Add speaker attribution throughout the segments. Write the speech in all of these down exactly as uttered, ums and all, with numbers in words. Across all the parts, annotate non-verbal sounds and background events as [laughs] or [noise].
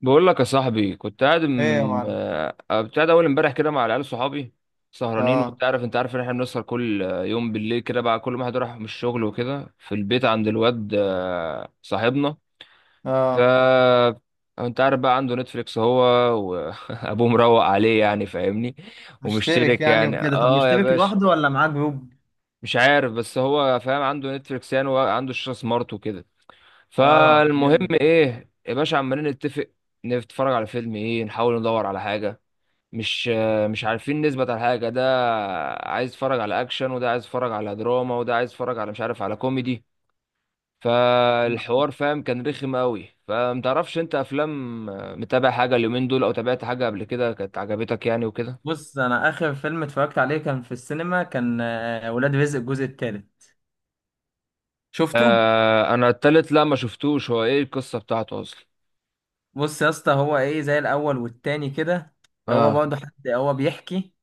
Speaker 1: بقول لك يا صاحبي، كنت قاعد
Speaker 2: ايه يا
Speaker 1: م...
Speaker 2: معلم؟
Speaker 1: آه، كنت قاعد اول امبارح كده مع العيال صحابي سهرانين.
Speaker 2: اه،
Speaker 1: وانت عارف انت عارف ان احنا بنسهر كل آه، يوم بالليل كده. بقى كل واحد راح من الشغل وكده في البيت عند الواد آه، صاحبنا. ف
Speaker 2: اه.
Speaker 1: انت عارف بقى عنده نتفليكس، هو وابوه [laughs] مروق عليه يعني، فاهمني.
Speaker 2: مشترك
Speaker 1: ومشترك
Speaker 2: يعني
Speaker 1: يعني،
Speaker 2: وكده. طب
Speaker 1: اه يا
Speaker 2: مشترك
Speaker 1: باشا،
Speaker 2: لوحده ولا معاه جروب؟
Speaker 1: مش عارف، بس هو فاهم عنده نتفليكس يعني، وعنده شاشة سمارت.
Speaker 2: اه،
Speaker 1: فالمهم
Speaker 2: جامد.
Speaker 1: ايه يا باشا، عمالين نتفق نتفرج على فيلم ايه، نحاول ندور على حاجه. مش مش عارفين نثبت على حاجه. ده عايز اتفرج على اكشن، وده عايز اتفرج على دراما، وده عايز اتفرج على مش عارف، على كوميدي. فالحوار، فاهم، كان رخم قوي. فمتعرفش انت افلام، متابع حاجه اليومين دول، او تابعت حاجه قبل كده كانت عجبتك يعني وكده؟
Speaker 2: بص، انا اخر فيلم اتفرجت عليه كان في السينما، كان آه، ولاد رزق الجزء الثالث. شفته؟
Speaker 1: آه، انا التالت لا ما شفتوش، هو ايه القصه بتاعته اصلا؟
Speaker 2: بص يا اسطى، هو ايه؟ زي الاول والتاني كده. هو
Speaker 1: اه.
Speaker 2: برضه حد، هو بيحكي.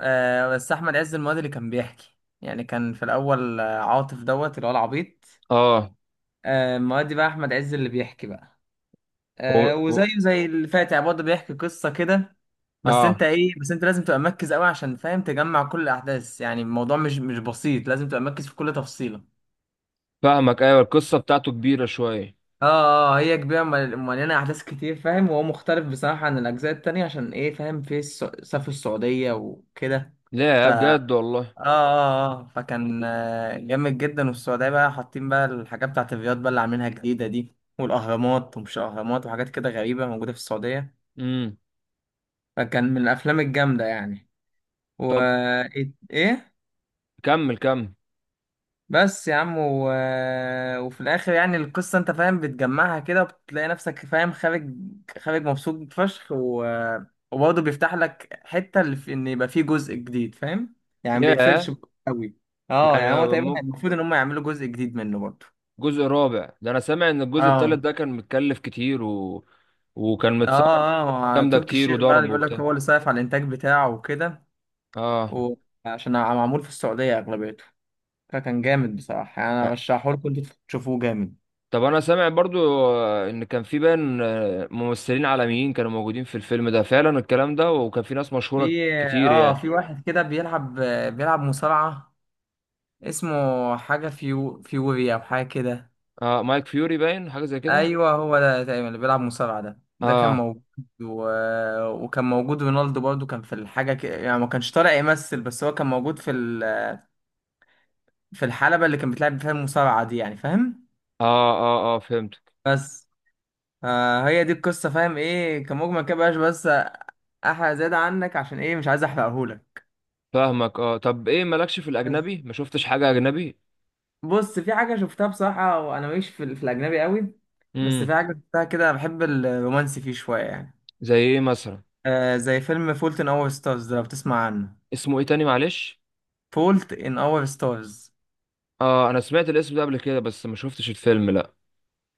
Speaker 2: آه بس احمد عز المواد اللي كان بيحكي، يعني كان في الاول آه، عاطف دوت اللي هو العبيط.
Speaker 1: اه.
Speaker 2: آه المواد بقى احمد عز اللي بيحكي بقى.
Speaker 1: و...
Speaker 2: آه
Speaker 1: و...
Speaker 2: وزيه زي اللي فات، يعني برضه بيحكي قصة كده. بس
Speaker 1: اه.
Speaker 2: انت ايه بس انت لازم تبقى مركز قوي عشان فاهم تجمع كل الاحداث. يعني الموضوع مش مش بسيط، لازم تبقى مركز في كل تفصيلة.
Speaker 1: فاهمك، ايوه، القصه بتاعته كبيره شويه.
Speaker 2: اه، اه، هي كبيرة، مل- مليانة احداث كتير فاهم. وهو مختلف بصراحة عن الاجزاء التانية عشان ايه فاهم في الس- سافر السعودية وكده. ف
Speaker 1: لا
Speaker 2: اه
Speaker 1: بجد والله.
Speaker 2: اه، اه، فكان آه، جامد جدا. والسعودية بقى حاطين بقى الحاجات بتاعت الرياض بقى اللي عاملينها جديدة دي، والاهرامات ومش اهرامات، وحاجات كده غريبة موجودة في السعودية.
Speaker 1: امم.
Speaker 2: فكان من الافلام الجامدة يعني. و
Speaker 1: طب
Speaker 2: ايه، إيه؟
Speaker 1: كمل كمل.
Speaker 2: بس يا عم و... وفي الاخر يعني القصه انت فاهم بتجمعها كده، وبتلاقي نفسك فاهم خارج خارج مبسوط فشخ و... وبرضه بيفتح لك حته، اللي في، ان يبقى فيه جزء جديد فاهم. يعني ما
Speaker 1: يا
Speaker 2: بيقفلش قوي. اه، يعني هو
Speaker 1: يعني
Speaker 2: تقريبا
Speaker 1: مم-
Speaker 2: المفروض ان هم يعملوا جزء جديد منه برضه.
Speaker 1: جزء رابع ده، انا سامع ان الجزء التالت
Speaker 2: اه،
Speaker 1: ده كان متكلف كتير و... وكان متصور.
Speaker 2: اه، اه، مع
Speaker 1: جامده
Speaker 2: تركي
Speaker 1: كتير،
Speaker 2: الشيخ بقى اللي
Speaker 1: وضرب
Speaker 2: بيقول لك
Speaker 1: وبتاع.
Speaker 2: هو اللي صايف على الانتاج بتاعه وكده.
Speaker 1: اه.
Speaker 2: وعشان معمول في السعوديه اغلبيته. فكان جامد بصراحه، يعني انا برشحه لكم انتوا تشوفوه. جامد.
Speaker 1: طب انا سامع برضو آه، ان كان في بان آه، ممثلين عالميين كانوا موجودين في الفيلم ده فعلا، الكلام ده، وكان في ناس مشهوره
Speaker 2: في
Speaker 1: كتير
Speaker 2: اه
Speaker 1: يعني.
Speaker 2: في واحد كده بيلعب، بيلعب مصارعة. اسمه حاجة فيو فيوري أو حاجة كده.
Speaker 1: اه، مايك فيوري باين، حاجه زي كده.
Speaker 2: أيوه، هو ده تقريبا اللي بيلعب مصارعة ده ده كان
Speaker 1: اه
Speaker 2: موجود و... وكان موجود رونالدو برضو، كان في الحاجة كده يعني ما كانش طالع يمثل، بس هو كان موجود في ال... في الحلبة اللي كان بتلعب فيها المصارعة دي يعني فاهم.
Speaker 1: اه اه اه، فهمتك.
Speaker 2: بس آه هي دي القصة فاهم ايه كمجمل كده بقاش بس. أحرق زيادة عنك عشان ايه مش عايز أحرقهولك.
Speaker 1: فاهمك، اه. طب ايه مالكش في الاجنبي، ما شفتش حاجه اجنبي؟
Speaker 2: بص في حاجة شفتها بصراحة، وأنا ماليش في, ال- في الأجنبي قوي. بس
Speaker 1: امم.
Speaker 2: في حاجة شفتها كده، بحب الرومانسي فيه شوية يعني.
Speaker 1: زي ايه مثلا؟
Speaker 2: آه زي فيلم فولت إن أور ستارز ده لو بتسمع عنه.
Speaker 1: اسمه ايه تاني معلش؟
Speaker 2: فولت إن أور ستارز.
Speaker 1: اه انا سمعت الاسم ده قبل كده، بس ما شفتش الفيلم، لا.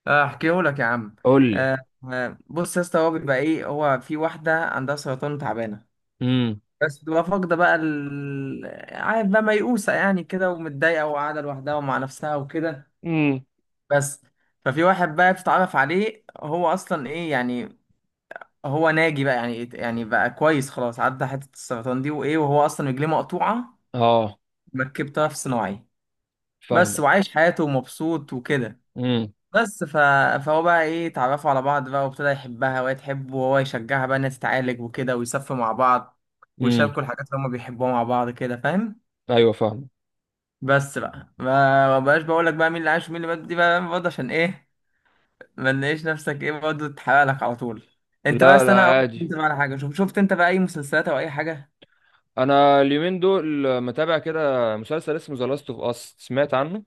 Speaker 2: آه، أحكيه لك يا عم.
Speaker 1: قول لي.
Speaker 2: آه. آه، بص يا اسطى، هو بيبقى إيه، هو في واحدة عندها سرطان تعبانة.
Speaker 1: امم.
Speaker 2: بس بتبقى فاقدة بقى ال... عارف بقى ميؤوسة يعني كده، ومتضايقة وقاعدة لوحدها ومع نفسها وكده.
Speaker 1: امم.
Speaker 2: بس ففي واحد بقى بتتعرف عليه. هو اصلا ايه يعني، هو ناجي بقى يعني يعني بقى كويس خلاص، عدى حته السرطان دي وايه، وهو اصلا رجليه مقطوعه،
Speaker 1: اه،
Speaker 2: مركب طرف صناعي. بس
Speaker 1: فاهمك.
Speaker 2: وعايش حياته ومبسوط وكده.
Speaker 1: امم.
Speaker 2: بس ف... فهو بقى ايه اتعرفوا على بعض بقى، وابتدى يحبها وهي تحبه، وهو يشجعها بقى انها تتعالج وكده، ويسافروا مع بعض،
Speaker 1: امم.
Speaker 2: ويشاركوا الحاجات اللي هما بيحبوها مع بعض كده فاهم.
Speaker 1: ايوه، فاهم.
Speaker 2: بس بقى ما ما بقاش بقول لك بقى مين اللي عاش ومين اللي مات دي بقى برضه عشان ايه، ما نلاقيش نفسك ايه برضه تحرق لك على طول. انت
Speaker 1: لا
Speaker 2: بس
Speaker 1: لا،
Speaker 2: انا اقول
Speaker 1: عادي.
Speaker 2: انت بقى على حاجه، شوف شفت انت بقى اي مسلسلات او اي حاجه؟
Speaker 1: انا اليومين دول متابع كده مسلسل اسمه ذا لاست اوف اس، سمعت عنه؟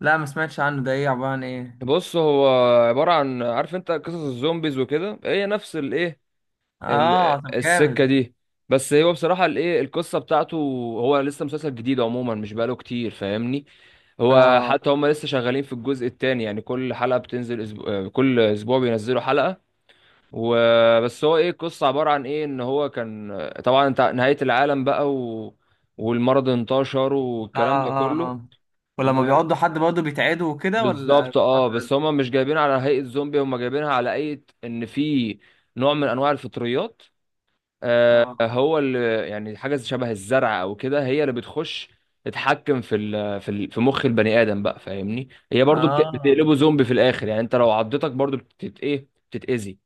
Speaker 2: لا ما سمعتش عنه، ده ايه عبارة عن ايه؟
Speaker 1: بص هو عبارة عن، عارف انت قصص الزومبيز وكده، هي نفس الايه، ال-
Speaker 2: اه، طب
Speaker 1: السكة
Speaker 2: جامد.
Speaker 1: دي. بس هو بصراحة، الايه، القصة بتاعته، هو لسه مسلسل جديد عموما، مش بقاله كتير فاهمني. هو
Speaker 2: اه، اه،
Speaker 1: حتى هم لسه شغالين في الجزء الثاني، يعني كل حلقة بتنزل أسبوع، كل أسبوع بينزلوا حلقة. وبس، هو إيه القصة عبارة عن إيه؟ إن هو كان، طبعا، انت- نهاية العالم بقى و... والمرض انتشر والكلام ده
Speaker 2: اه،
Speaker 1: كله.
Speaker 2: اه،
Speaker 1: و...
Speaker 2: ولما بيقعدوا حد برضه بيتعدوا وكده، ولا
Speaker 1: بالظبط
Speaker 2: الموضوع
Speaker 1: اه، بس
Speaker 2: بيبقى-
Speaker 1: هم مش جايبين على هيئة زومبي، هم جايبينها على هيئة إن في نوع من أنواع الفطريات آه،
Speaker 2: اه،
Speaker 1: هو اللي يعني، حاجه شبه الزرع او كده، هي اللي بتخش تتحكم في ال في ال في مخ البني ادم بقى فاهمني. هي برضو بت-
Speaker 2: اه،
Speaker 1: بتقلبه زومبي في الاخر، يعني انت لو عضتك برضو بتت ايه بتتاذي.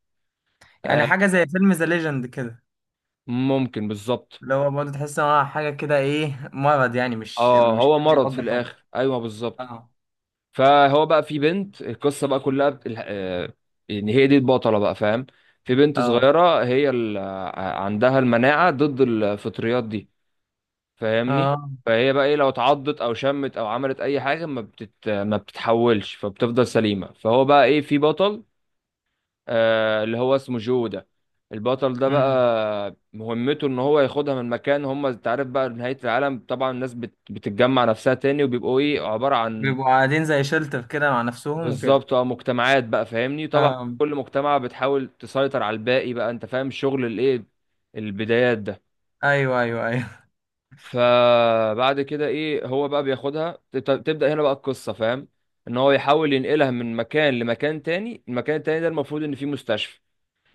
Speaker 2: يعني
Speaker 1: آه،
Speaker 2: حاجة زي فيلم ذا ليجند كده،
Speaker 1: ممكن بالظبط.
Speaker 2: اللي هو برضه تحس ان هو حاجة كده، ايه مرض يعني، مش
Speaker 1: اه،
Speaker 2: مش
Speaker 1: هو
Speaker 2: حد
Speaker 1: مرض في
Speaker 2: يقضي حد.
Speaker 1: الاخر، ايوه بالظبط.
Speaker 2: اه.
Speaker 1: فهو بقى، في بنت القصه بقى كلها بت- الح- آه، ان هي دي البطله بقى فاهم. في بنت
Speaker 2: اه،
Speaker 1: صغيره، هي ال- آه، عندها المناعه ضد الفطريات دي فاهمني.
Speaker 2: اه،
Speaker 1: فهي بقى ايه، لو اتعضت او شمت او عملت اي حاجه، ما بتت... ما بتتحولش، فبتفضل سليمه. فهو بقى ايه، في بطل آه اللي هو اسمه جو ده. البطل ده
Speaker 2: امم.
Speaker 1: بقى مهمته ان هو ياخدها من مكان، هم انت عارف بقى نهايه العالم طبعا، الناس بت... بتتجمع نفسها تاني، وبيبقوا ايه عباره عن،
Speaker 2: بيبقوا قاعدين زي شلتر كده مع نفسهم وكده.
Speaker 1: بالظبط اه، مجتمعات بقى فاهمني طبعا.
Speaker 2: اه،
Speaker 1: كل مجتمع بتحاول تسيطر على الباقي بقى، انت فاهم شغل الايه، البدايات ده.
Speaker 2: ايوه، ايوه، ايوه.
Speaker 1: فبعد كده ايه، هو بقى بياخدها تبت- تبدأ هنا بقى القصة فاهم، ان هو يحاول ينقلها من مكان لمكان تاني. المكان التاني ده المفروض ان فيه مستشفى.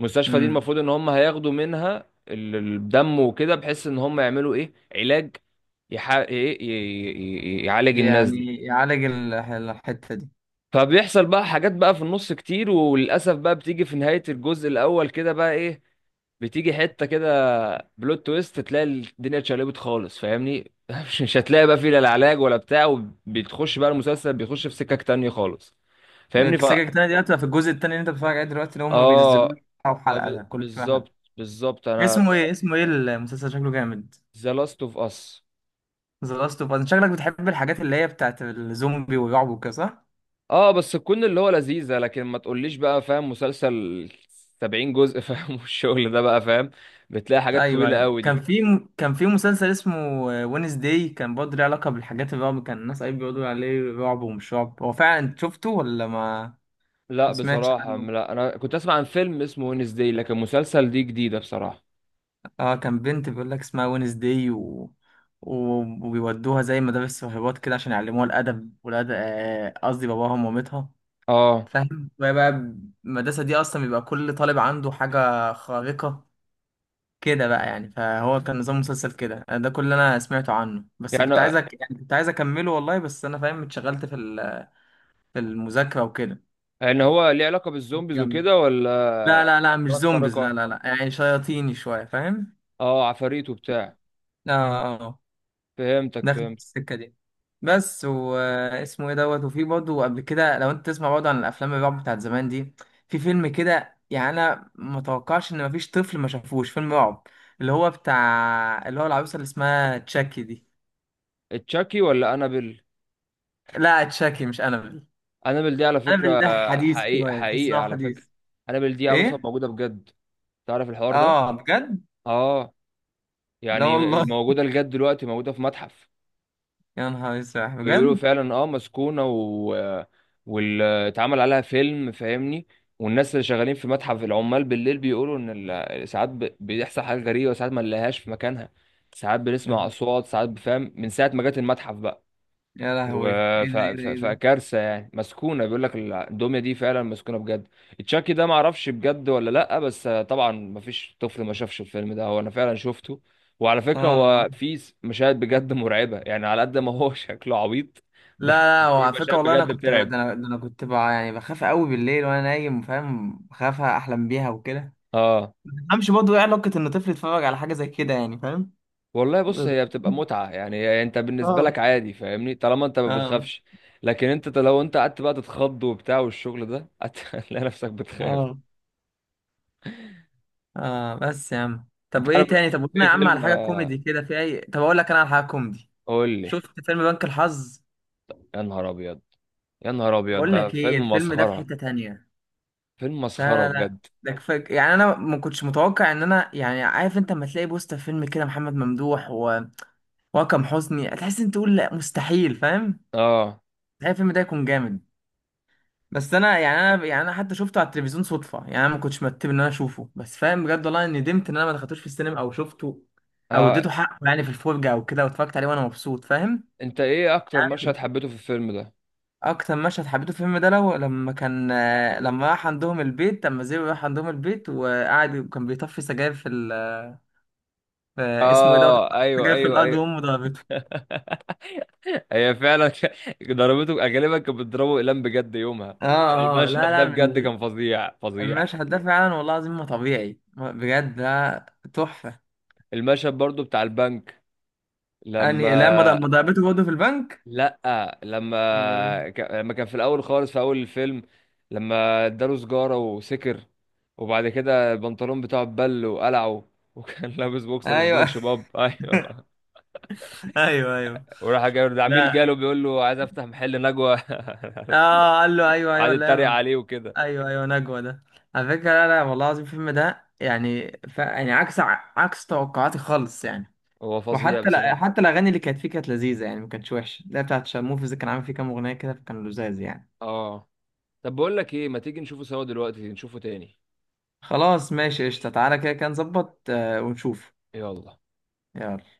Speaker 1: المستشفى دي
Speaker 2: امم.
Speaker 1: المفروض ان هم هياخدوا منها ال- الدم وكده، بحيث ان هم يعملوا ايه علاج يح... إيه، ي... ي... ي... يعالج الناس دي.
Speaker 2: يعني يعالج ال- الحتة دي.
Speaker 1: فبيحصل بقى حاجات بقى في النص كتير، وللأسف بقى بتيجي في نهاية الجزء الأول كده بقى ايه، بتيجي حته كده بلوت تويست، تلاقي الدنيا اتشقلبت خالص فاهمني [laughs] مش مش هتلاقي بقى فيه لا العلاج ولا بتاع، وبتخش بقى المسلسل بيخش في سكك تانية خالص فاهمني. ف
Speaker 2: السكك التانية دي هتبقى في الجزء التاني اللي انت بتتفرج عليه دلوقتي، اللي هما بينزلوا
Speaker 1: اه
Speaker 2: لك أو حلقة ده
Speaker 1: طب
Speaker 2: كل شوية حلقة؟
Speaker 1: بالظبط بالظبط انا.
Speaker 2: اسمه ايه، اسمه ايه المسلسل، شكله جامد.
Speaker 1: ذا لاست اوف اس.
Speaker 2: ذا لاست اوف اس. شكلك بتحب الحاجات اللي هي بتاعت الزومبي والرعب وكده صح؟
Speaker 1: اه، بس تكون اللي هو لذيذه، لكن ما تقوليش بقى فاهم مسلسل سبعين جزء فاهم [laughs] والشغل ده بقى فاهم، بتلاقي حاجات
Speaker 2: ايوه،
Speaker 1: طويله
Speaker 2: ايوه،
Speaker 1: قوي دي.
Speaker 2: كان في كان في مسلسل اسمه وينس داي، كان برضه ليه علاقة بالحاجات الرعب، كان الناس قايل بيقولوا عليه رعب ومش رعب. هو فعلا انت شفته ولا ما؟
Speaker 1: لا
Speaker 2: ما سمعتش
Speaker 1: بصراحه
Speaker 2: عنه؟
Speaker 1: لا، انا كنت اسمع عن فيلم اسمه وينزداي، لكن مسلسل دي جديده بصراحه.
Speaker 2: اه، كان بنت بيقول لك اسمها وينزداي و... و... وبيودوها زي مدارس راهبات كده عشان يعلموها الادب والادب آه، قصدي باباهم ومامتها
Speaker 1: اه،
Speaker 2: فاهم. وهي بقى المدرسه دي اصلا بيبقى كل طالب عنده حاجه خارقه كده بقى يعني. فهو كان نظام مسلسل كده، آه، ده كل اللي انا سمعته عنه، بس
Speaker 1: يعني
Speaker 2: كنت عايزك يعني كنت عايز اكمله والله، بس انا فاهم اتشغلت في ال... في المذاكره وكده.
Speaker 1: ان هو ليه علاقة بالزومبيز
Speaker 2: جامد.
Speaker 1: وكده
Speaker 2: لا،
Speaker 1: ولا؟
Speaker 2: لا، لا، مش
Speaker 1: قدرات
Speaker 2: زومبيز، لا،
Speaker 1: خارقة،
Speaker 2: لا، لا، يعني شياطيني شويه فاهم.
Speaker 1: اه، عفاريت وبتاع.
Speaker 2: اه، آه، آه.
Speaker 1: فهمتك،
Speaker 2: داخل في
Speaker 1: فهمت.
Speaker 2: السكة دي. بس واسمه ايه دوت، وفي برضه قبل كده لو انت تسمع برضه عن الافلام الرعب بتاعت زمان دي، في فيلم كده يعني انا ما توقعش ان مفيش طفل ما شافوش فيلم رعب، اللي هو بتاع اللي هو العروسة اللي اسمها تشاكي دي.
Speaker 1: تشاكي ولا انابل؟
Speaker 2: لا، تشاكي مش انابل.
Speaker 1: انابل دي على فكرة،
Speaker 2: انابل ده حديث
Speaker 1: حقيقة
Speaker 2: شوية، تحس ان
Speaker 1: حقيقة
Speaker 2: هو
Speaker 1: على فكرة،
Speaker 2: حديث.
Speaker 1: انابل دي عروسة
Speaker 2: ايه؟
Speaker 1: موجودة بجد. تعرف الحوار ده؟
Speaker 2: اه، بجد؟
Speaker 1: اه،
Speaker 2: لا
Speaker 1: يعني
Speaker 2: والله!
Speaker 1: موجودة لجد دلوقتي، موجودة في متحف.
Speaker 2: يا نهار اسود،
Speaker 1: بيقولوا
Speaker 2: بجد!
Speaker 1: فعلا اه، مسكونة و... واتعمل عليها فيلم فاهمني. والناس اللي شغالين في متحف العمال بالليل بيقولوا ان ال- ساعات ب... بيحصل حاجات غريبة، وساعات ما نلاقيهاش في مكانها، ساعات بنسمع اصوات، ساعات بفهم من ساعة ما جت المتحف بقى.
Speaker 2: يا لهوي! ايه
Speaker 1: و- ف-
Speaker 2: ده، ايه ده،
Speaker 1: ف-
Speaker 2: ايه ده!
Speaker 1: فكارثه يعني، مسكونه بيقول لك الدميه دي فعلا مسكونه بجد. تشاكي ده ما اعرفش بجد ولا لا، بس طبعا ما فيش طفل ما شافش الفيلم ده، هو انا فعلا شفته. وعلى فكره
Speaker 2: اه،
Speaker 1: هو في س- مشاهد بجد [laughs] مرعبه، يعني على قد ما هو [laughs] شكله عبيط،
Speaker 2: لا،
Speaker 1: بس
Speaker 2: لا، هو
Speaker 1: في
Speaker 2: على فكرة
Speaker 1: مشاهد
Speaker 2: والله أنا
Speaker 1: بجد
Speaker 2: كنت ب... ده
Speaker 1: بترعب.
Speaker 2: أنا... ده أنا كنت ب... يعني بخاف قوي بالليل وأنا نايم فاهم، بخاف أحلم بيها وكده.
Speaker 1: اه
Speaker 2: ما تفهمش برضه إيه علاقة إن طفل يتفرج على حاجة زي كده يعني فاهم.
Speaker 1: والله،
Speaker 2: [laughs]
Speaker 1: بص
Speaker 2: بس-
Speaker 1: هي بتبقى متعه يعني، هي انت بالنسبه لك
Speaker 2: اه،
Speaker 1: عادي فاهمني، طالما انت ما
Speaker 2: اه،
Speaker 1: بتخافش. لكن انت ت- لو انت قعدت بقى تتخض وبتاع والشغل ده [laughs] هتلاقي نفسك بتخاف.
Speaker 2: اه، اه، بس يا عم،
Speaker 1: انت
Speaker 2: طب إيه
Speaker 1: عارف
Speaker 2: تاني، طب قلنا
Speaker 1: في
Speaker 2: يا عم على
Speaker 1: فيلم؟
Speaker 2: حاجة كوميدي كده في أي. طب أقول لك أنا على حاجة كوميدي.
Speaker 1: قول لي.
Speaker 2: شفت فيلم بنك الحظ؟
Speaker 1: يا نهار ابيض، يا نهار ابيض،
Speaker 2: بقول
Speaker 1: ده
Speaker 2: لك إيه،
Speaker 1: فيلم
Speaker 2: الفيلم ده في
Speaker 1: مسخره،
Speaker 2: حتة تانية.
Speaker 1: فيلم مسخره
Speaker 2: لا، لا، لا،
Speaker 1: بجد.
Speaker 2: ده كفاك يعني، انا ما كنتش متوقع ان انا، يعني عارف انت لما تلاقي بوستر فيلم كده محمد ممدوح واكرم حسني، هتحس انت تقول لا مستحيل فاهم،
Speaker 1: اه.
Speaker 2: مستحيل الفيلم ده يكون جامد. بس انا يعني انا يعني انا حتى شفته على التلفزيون صدفه، يعني انا ما كنتش مرتب ان انا اشوفه، بس فاهم بجد والله إني ندمت ان انا ما دخلتوش في السينما او شفته، او
Speaker 1: آه.
Speaker 2: اديته حقه يعني في الفرجه او كده، واتفرجت عليه وانا مبسوط فاهم.
Speaker 1: انت ايه اكتر
Speaker 2: يعني
Speaker 1: مشهد حبيته في الفيلم ده؟
Speaker 2: اكتر مشهد حبيته في الفيلم ده لو لما كان آه، لما راح عندهم البيت لما زيرو راح عندهم البيت وقعد وكان بيطفي سجاير في, ال... في، اسمه ايه دوت،
Speaker 1: اه، ايوه
Speaker 2: سجاير في
Speaker 1: ايوه
Speaker 2: الارض
Speaker 1: ايوه
Speaker 2: وامه ضربته.
Speaker 1: [laughs] هي فعلا ك- ضربته، غالبا كانت بتضربه اقلام بجد يومها.
Speaker 2: اه، اه، لا،
Speaker 1: المشهد ده
Speaker 2: لا،
Speaker 1: بجد
Speaker 2: من
Speaker 1: كان فظيع فظيع.
Speaker 2: المشهد ده فعلا والله العظيم ما طبيعي بجد ده. تحفة.
Speaker 1: المشهد برضو بتاع البنك لما،
Speaker 2: يعني لما ض- ما ضربته برضه في البنك.
Speaker 1: لا
Speaker 2: أمال؟
Speaker 1: لما ك- لما كان في الاول خالص في اول الفيلم، لما اداله سجارة وسكر. وبعد كده البنطلون بتاعه اتبل وقلعه، وكان [laughs] لابس
Speaker 2: إيه؟
Speaker 1: بوكسر
Speaker 2: ايوه.
Speaker 1: سبونج بوب [laughs] ايوه.
Speaker 2: [laughs] ايوه، ايوه،
Speaker 1: وراح جاي ده عميل
Speaker 2: لا.
Speaker 1: جاله بيقول له عايز افتح محل نجوى
Speaker 2: اه، قال له
Speaker 1: [laughs]
Speaker 2: ايوه،
Speaker 1: وقعد
Speaker 2: ايوه،
Speaker 1: يتريق
Speaker 2: لا.
Speaker 1: عليه وكده.
Speaker 2: ايوه، ايوه، نجوى ده. على فكرة، لا، لا، والله العظيم الفيلم ده يعني ف... يعني عكس ع- عكس توقعاتي خالص يعني.
Speaker 1: هو فظيع
Speaker 2: وحتى لا
Speaker 1: بصراحة.
Speaker 2: حتى الاغاني اللي كانت فيه كانت لذيذة، يعني ما كانتش وحشة، اللي هي بتاعت شارموفرز كان عامل فيه كام اغنية كده فكان لذاذ يعني.
Speaker 1: اه طب بقول لك ايه، ما تيجي نشوفه سوا دلوقتي، نشوفه تاني.
Speaker 2: خلاص ماشي قشطة، تعالى كده كده نظبط آه، ونشوف.
Speaker 1: يلا.
Speaker 2: يلا.